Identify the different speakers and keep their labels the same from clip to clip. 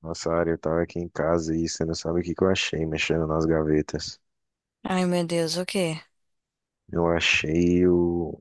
Speaker 1: Nossa área, eu tava aqui em casa e você não sabe o que que eu achei mexendo nas gavetas.
Speaker 2: Ai, meu Deus, o quê?
Speaker 1: Eu achei o,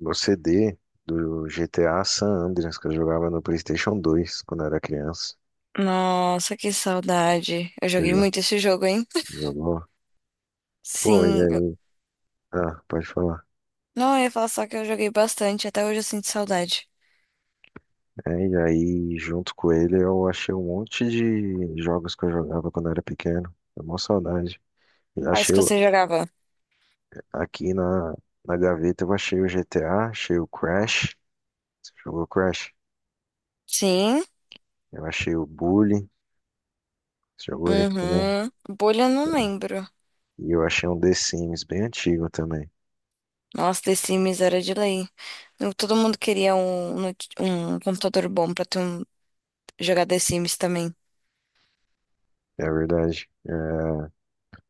Speaker 1: o CD do GTA San Andreas que eu jogava no PlayStation 2 quando era criança.
Speaker 2: Nossa, que saudade. Eu
Speaker 1: Você
Speaker 2: joguei
Speaker 1: jo-
Speaker 2: muito esse jogo, hein?
Speaker 1: Jogou? Pô, e
Speaker 2: Sim.
Speaker 1: aí? Ah, pode falar.
Speaker 2: Não, eu ia falar só que eu joguei bastante. Até hoje eu sinto saudade.
Speaker 1: É, e aí, junto com ele, eu achei um monte de jogos que eu jogava quando era pequeno. É uma saudade. Eu
Speaker 2: Quais
Speaker 1: Achei
Speaker 2: que
Speaker 1: o-
Speaker 2: você jogava?
Speaker 1: Aqui na gaveta, eu achei o GTA, achei o Crash. Você jogou Crash?
Speaker 2: Sim.
Speaker 1: Eu achei o Bully. Você jogou ele também?
Speaker 2: Uhum. Bolha eu não lembro.
Speaker 1: E eu achei um The Sims bem antigo também.
Speaker 2: Nossa, The Sims era de lei. Todo mundo queria um, um computador bom pra ter um, jogar The Sims também.
Speaker 1: É verdade. É,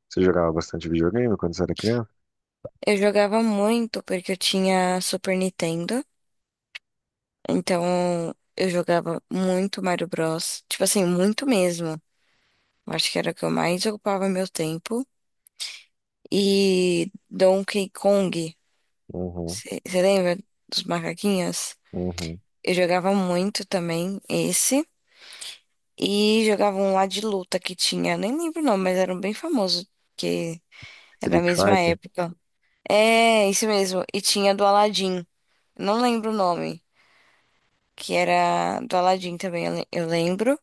Speaker 1: você jogava bastante videogame quando você era criança?
Speaker 2: Eu jogava muito porque eu tinha Super Nintendo. Então eu jogava muito Mario Bros. Tipo assim, muito mesmo. Eu acho que era o que eu mais ocupava meu tempo. E Donkey Kong.
Speaker 1: Uhum,
Speaker 2: Você lembra dos macaquinhos?
Speaker 1: uhum.
Speaker 2: Eu jogava muito também esse. E jogava um lá de luta que tinha. Nem lembro o nome, mas era um bem famoso. Que era a
Speaker 1: Street
Speaker 2: mesma
Speaker 1: Fighter?
Speaker 2: época. É, isso mesmo. E tinha do Aladdin. Não lembro o nome. Que era do Aladdin também, eu lembro.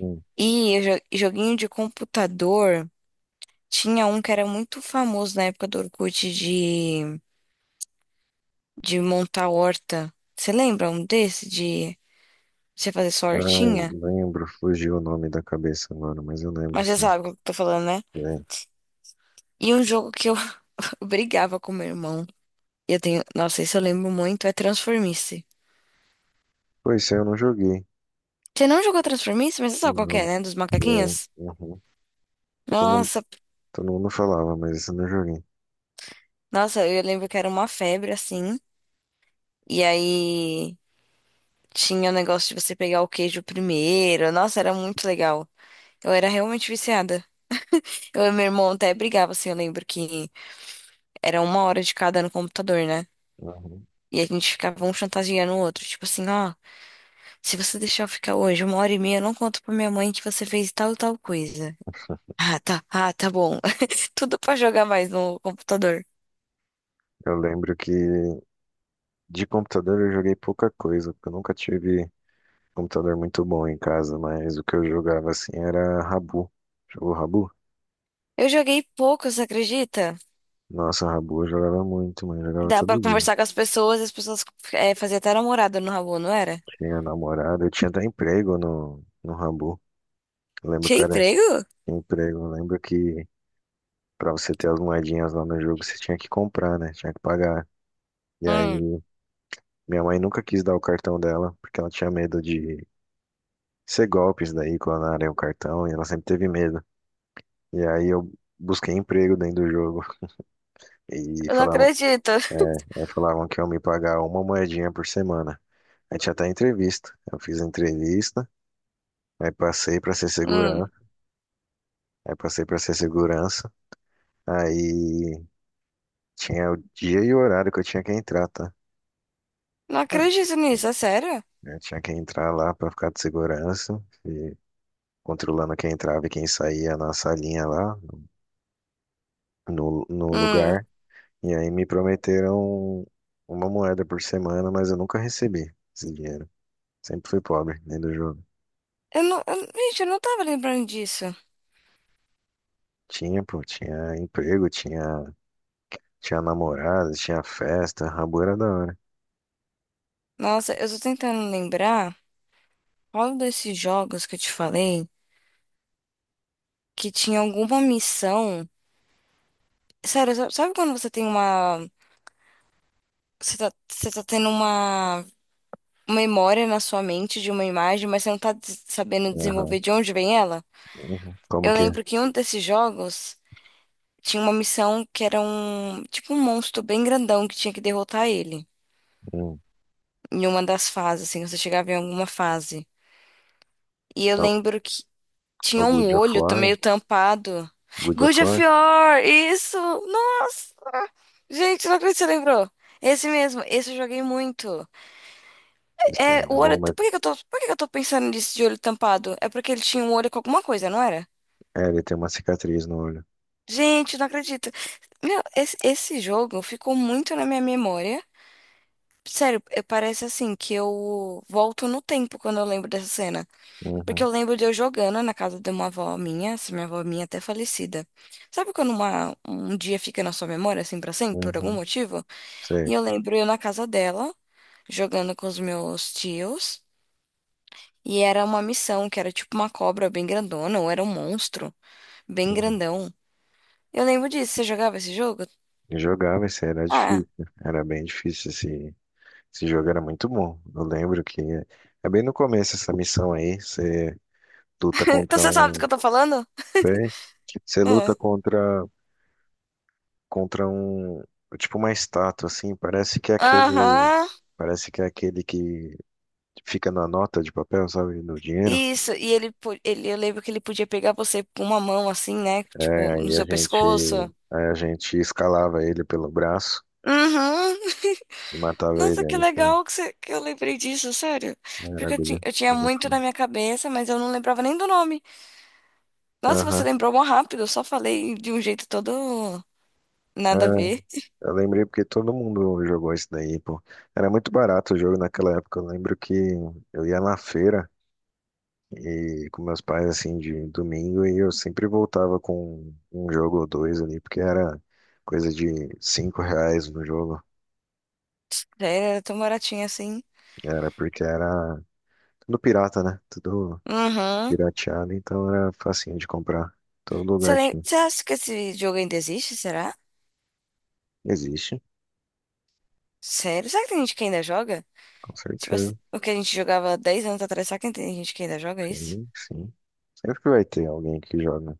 Speaker 1: Hum.
Speaker 2: E eu joguinho de computador. Tinha um que era muito famoso na época do Orkut de. De montar horta. Você lembra um desse de você fazer sua
Speaker 1: Ai,
Speaker 2: hortinha?
Speaker 1: lembro, fugiu o nome da cabeça agora, mas eu lembro
Speaker 2: Mas você
Speaker 1: sim.
Speaker 2: sabe o que eu tô falando, né?
Speaker 1: É.
Speaker 2: E um jogo que eu brigava com meu irmão. E eu tenho, nossa, isso eu lembro muito, é Transformice.
Speaker 1: Pois esse eu não joguei.
Speaker 2: Você não jogou Transformice, mas você sabe qual que é,
Speaker 1: Não.
Speaker 2: né? Dos macaquinhos?
Speaker 1: Uhum. Todo mundo,
Speaker 2: Nossa,
Speaker 1: todo mundo falava, mas esse eu não joguei.
Speaker 2: eu lembro que era uma febre assim. E aí tinha o negócio de você pegar o queijo primeiro. Nossa, era muito legal. Eu era realmente viciada. Eu e meu irmão até brigava, assim, eu lembro que era uma hora de cada no computador, né?
Speaker 1: Uhum.
Speaker 2: E a gente ficava um chantageando o outro. Tipo assim, ó, se você deixar eu ficar hoje uma hora e meia, eu não conto pra minha mãe que você fez tal e tal coisa. Ah, tá. Ah, tá bom. Tudo pra jogar mais no computador.
Speaker 1: Eu lembro que de computador eu joguei pouca coisa, porque eu nunca tive computador muito bom em casa, mas o que eu jogava assim era Rabu. Jogou Rabu?
Speaker 2: Eu joguei pouco, você acredita?
Speaker 1: Nossa, Rabu eu jogava muito, mano. Eu jogava
Speaker 2: Dá pra
Speaker 1: todo dia.
Speaker 2: conversar com as pessoas e as pessoas faziam até namorada no Rabu, não era?
Speaker 1: Tinha namorada, eu tinha até emprego no Rabu. Eu lembro
Speaker 2: Tinha
Speaker 1: que era
Speaker 2: emprego?
Speaker 1: emprego. Eu lembro que pra você ter as moedinhas lá no jogo, você tinha que comprar, né? Tinha que pagar. E
Speaker 2: Hum.
Speaker 1: aí, minha mãe nunca quis dar o cartão dela, porque ela tinha medo de ser golpes daí, clonarem o cartão, e ela sempre teve medo. E aí eu busquei emprego dentro do jogo. E
Speaker 2: Eu não
Speaker 1: falava,
Speaker 2: acredito.
Speaker 1: aí falavam que iam me pagar uma moedinha por semana. Aí tinha até entrevista. Eu fiz a entrevista, aí passei pra ser
Speaker 2: Hum.
Speaker 1: segurança, aí passei pra ser segurança. Aí tinha o dia e o horário que eu tinha que entrar, tá?
Speaker 2: Não acredito nisso, é sério?
Speaker 1: Eu tinha que entrar lá pra ficar de segurança, e controlando quem entrava e quem saía na salinha lá, no
Speaker 2: Hum.
Speaker 1: lugar. E aí me prometeram uma moeda por semana, mas eu nunca recebi esse dinheiro. Sempre fui pobre, nem do jogo.
Speaker 2: Eu não, eu, gente, eu não tava lembrando disso.
Speaker 1: Tinha, pô, tinha namorada, tinha festa, Rabu era da hora.
Speaker 2: Nossa, eu tô tentando lembrar. Qual desses jogos que eu te falei que tinha alguma missão? Sério, sabe quando você tem uma. Você tá tendo uma memória na sua mente de uma imagem, mas você não tá sabendo desenvolver
Speaker 1: Aham.
Speaker 2: de onde vem ela?
Speaker 1: Uhum. Como
Speaker 2: Eu
Speaker 1: que é?
Speaker 2: lembro que em um desses jogos tinha uma missão que era um. Tipo um monstro bem grandão que tinha que derrotar ele.
Speaker 1: Hum.
Speaker 2: Em uma das fases, assim, você chegava em alguma fase. E eu
Speaker 1: É o,
Speaker 2: lembro que
Speaker 1: é
Speaker 2: tinha
Speaker 1: o
Speaker 2: um
Speaker 1: Good of
Speaker 2: olho
Speaker 1: War?
Speaker 2: meio tampado.
Speaker 1: Good of
Speaker 2: Good of
Speaker 1: War?
Speaker 2: War! Isso! Nossa! Gente, não acredito que você lembrou. Esse mesmo, esse eu joguei muito.
Speaker 1: Esse
Speaker 2: É,
Speaker 1: daí
Speaker 2: o
Speaker 1: é
Speaker 2: olho.
Speaker 1: bom, mas...
Speaker 2: Por que que eu tô pensando nisso de olho tampado? É porque ele tinha um olho com alguma coisa, não era?
Speaker 1: É, ele tem uma cicatriz no olho.
Speaker 2: Gente, não acredito. Meu, esse jogo ficou muito na minha memória. Sério, parece assim que eu volto no tempo quando eu lembro dessa cena. Porque
Speaker 1: Uhum,
Speaker 2: eu lembro de eu jogando na casa de uma avó minha, essa minha avó minha até falecida. Sabe quando um dia fica na sua memória, assim, pra sempre, por algum
Speaker 1: uhum,
Speaker 2: motivo?
Speaker 1: sei.
Speaker 2: E eu lembro eu na casa dela. Jogando com os meus tios. E era uma missão, que era tipo uma cobra bem grandona, ou era um monstro bem
Speaker 1: Uhum.
Speaker 2: grandão. Eu lembro disso. Você jogava esse jogo?
Speaker 1: Eu jogava, isso era
Speaker 2: Ah,
Speaker 1: difícil, né? Era bem difícil esse jogo, era muito bom. Eu lembro que é bem no começo essa missão aí. Você luta
Speaker 2: então
Speaker 1: contra
Speaker 2: você sabe do que
Speaker 1: um.
Speaker 2: eu tô falando?
Speaker 1: Sei. Você
Speaker 2: É.
Speaker 1: luta contra contra um, tipo uma estátua assim, parece que é
Speaker 2: Aham.
Speaker 1: parece que é aquele que fica na nota de papel, sabe, no dinheiro.
Speaker 2: Isso, e ele, eu lembro que ele podia pegar você com uma mão assim, né?
Speaker 1: É,
Speaker 2: Tipo, no
Speaker 1: aí a
Speaker 2: seu
Speaker 1: gente,
Speaker 2: pescoço.
Speaker 1: aí a gente escalava ele pelo braço
Speaker 2: Uhum.
Speaker 1: e matava ele
Speaker 2: Nossa, que
Speaker 1: aí,
Speaker 2: legal que eu lembrei disso, sério.
Speaker 1: né, era
Speaker 2: Porque eu,
Speaker 1: agulha.
Speaker 2: eu tinha
Speaker 1: Agulha
Speaker 2: muito
Speaker 1: foi.
Speaker 2: na minha cabeça, mas eu não lembrava nem do nome. Nossa, você
Speaker 1: Aham.
Speaker 2: lembrou mó rápido, eu só falei de um jeito todo.
Speaker 1: É,
Speaker 2: Nada a ver.
Speaker 1: eu lembrei porque todo mundo jogou isso daí, pô. Era muito barato o jogo naquela época. Eu lembro que eu ia na feira e com meus pais, assim, de domingo, e eu sempre voltava com um jogo ou dois ali, porque era coisa de R$ 5 no jogo.
Speaker 2: Já era tão baratinho assim.
Speaker 1: Era porque era tudo pirata, né? Tudo
Speaker 2: Uhum.
Speaker 1: pirateado, então era facinho de comprar. Todo lugar tinha.
Speaker 2: Você acha que esse jogo ainda existe, será?
Speaker 1: Existe,
Speaker 2: Sério? Será que tem gente que ainda joga?
Speaker 1: com
Speaker 2: Tipo assim,
Speaker 1: certeza.
Speaker 2: o que a gente jogava 10 anos atrás, será que tem gente que ainda joga isso?
Speaker 1: Sim, sim. Sempre que vai ter alguém que joga.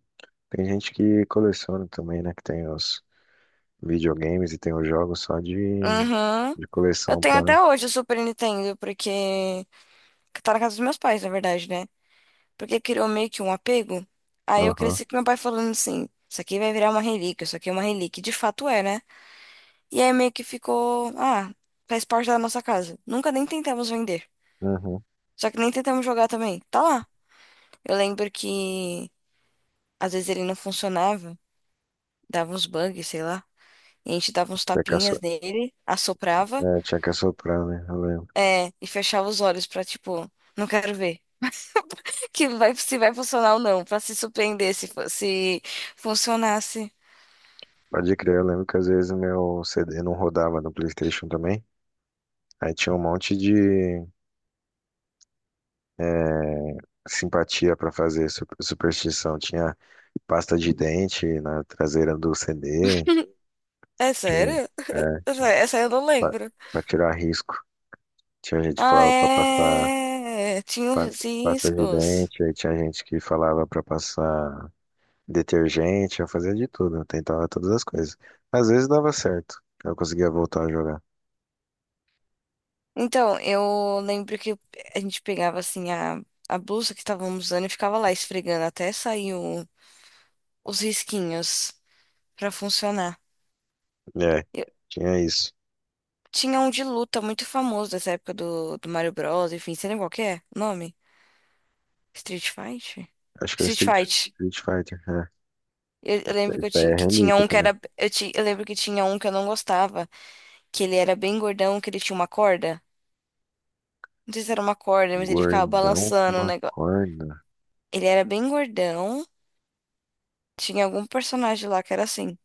Speaker 1: Tem gente que coleciona também, né? Que tem os videogames e tem os jogos só
Speaker 2: Uhum.
Speaker 1: de
Speaker 2: Eu
Speaker 1: coleção
Speaker 2: tenho
Speaker 1: pra.
Speaker 2: até hoje o Super Nintendo, porque que tá na casa dos meus pais, na verdade, né? Porque criou meio que um apego. Aí eu
Speaker 1: Aham,
Speaker 2: cresci com meu pai falando assim: isso aqui vai virar uma relíquia, isso aqui é uma relíquia. E de fato é, né? E aí meio que ficou: ah, faz parte da nossa casa. Nunca nem tentamos vender.
Speaker 1: uhum, uhum.
Speaker 2: Só que nem tentamos jogar também. Tá lá. Eu lembro que às vezes ele não funcionava, dava uns bugs, sei lá. E a gente dava uns
Speaker 1: Que é
Speaker 2: tapinhas nele, assoprava,
Speaker 1: É, tinha que assoprar, né? Eu lembro.
Speaker 2: é, e fechava os olhos pra, tipo, não quero ver. Que vai, se vai funcionar ou não, pra se surpreender se funcionasse.
Speaker 1: Pode crer, eu lembro que às vezes meu CD não rodava no PlayStation também. Aí tinha um monte de simpatia pra fazer, superstição. Tinha pasta de dente na traseira do CD.
Speaker 2: É
Speaker 1: Tinha,
Speaker 2: sério?
Speaker 1: é, tinha
Speaker 2: Essa eu não
Speaker 1: pra,
Speaker 2: lembro.
Speaker 1: pra tirar risco. Tinha gente que
Speaker 2: Ah,
Speaker 1: falava pra passar
Speaker 2: é. Tinha
Speaker 1: pa-
Speaker 2: os
Speaker 1: pasta de
Speaker 2: riscos.
Speaker 1: dente. Aí tinha gente que falava pra passar detergente. Eu fazia de tudo, eu tentava todas as coisas. Às vezes dava certo, eu conseguia voltar a jogar.
Speaker 2: Então, eu lembro que a gente pegava assim a blusa que estávamos usando e ficava lá esfregando até sair os risquinhos pra funcionar.
Speaker 1: É,
Speaker 2: Eu-
Speaker 1: tinha isso.
Speaker 2: tinha um de luta muito famoso dessa época do, do Mario Bros, enfim, você lembra qual que é o nome? Street Fight?
Speaker 1: Acho que era
Speaker 2: Street Fight.
Speaker 1: Street Fighter, né?
Speaker 2: Eu
Speaker 1: P
Speaker 2: lembro
Speaker 1: R É
Speaker 2: que tinha
Speaker 1: relíquia
Speaker 2: um que
Speaker 1: também.
Speaker 2: era. Eu lembro que tinha um que eu não gostava, que ele era bem gordão, que ele tinha uma corda. Não sei se era uma corda, mas ele ficava
Speaker 1: Gordão com
Speaker 2: balançando o
Speaker 1: uma
Speaker 2: negócio.
Speaker 1: corna.
Speaker 2: Ele era bem gordão. Tinha algum personagem lá que era assim.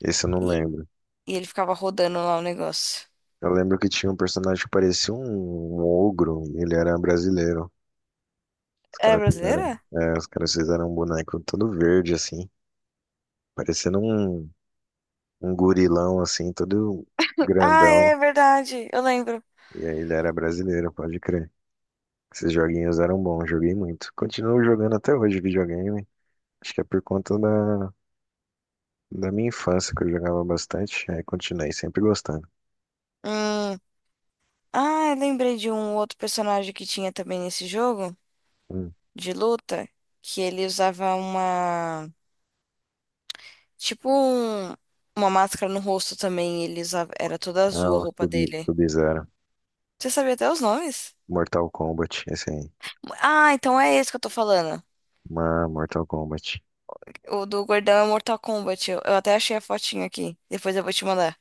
Speaker 1: Esse eu não
Speaker 2: E,
Speaker 1: lembro.
Speaker 2: e ele ficava rodando lá o negócio.
Speaker 1: Eu lembro que tinha um personagem que parecia um ogro e ele era brasileiro.
Speaker 2: É brasileira?
Speaker 1: Os caras fizeram um boneco todo verde, assim, parecendo um gorilão, assim, todo
Speaker 2: Ah,
Speaker 1: grandão.
Speaker 2: é verdade. Eu lembro.
Speaker 1: E aí ele era brasileiro, pode crer. Esses joguinhos eram bons, joguei muito. Continuo jogando até hoje videogame. Acho que é por conta da, da minha infância, que eu jogava bastante, aí continuei sempre gostando.
Speaker 2: Hum. Ah, eu lembrei de um outro personagem que tinha também nesse jogo
Speaker 1: Hum.
Speaker 2: de luta, que ele usava uma, tipo um- uma máscara no rosto também, ele usava, era toda
Speaker 1: Ah,
Speaker 2: azul a
Speaker 1: o
Speaker 2: roupa dele.
Speaker 1: Sub-Zero.
Speaker 2: Você sabia até os nomes?
Speaker 1: Mortal Kombat, esse aí.
Speaker 2: Ah, então é esse que eu tô falando.
Speaker 1: Uma Mortal Kombat.
Speaker 2: O do gordão é Mortal Kombat. Eu até achei a fotinha aqui. Depois eu vou te mandar.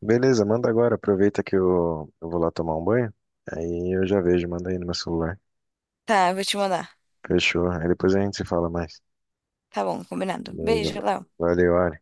Speaker 1: Beleza, manda agora. Aproveita que eu vou lá tomar um banho. Aí eu já vejo, manda aí no meu celular.
Speaker 2: Tá, eu vou te mandar.
Speaker 1: Fechou. Aí depois a gente se fala mais.
Speaker 2: Tá bom, combinado.
Speaker 1: Beleza.
Speaker 2: Beijo, Léo.
Speaker 1: Valeu, Ari.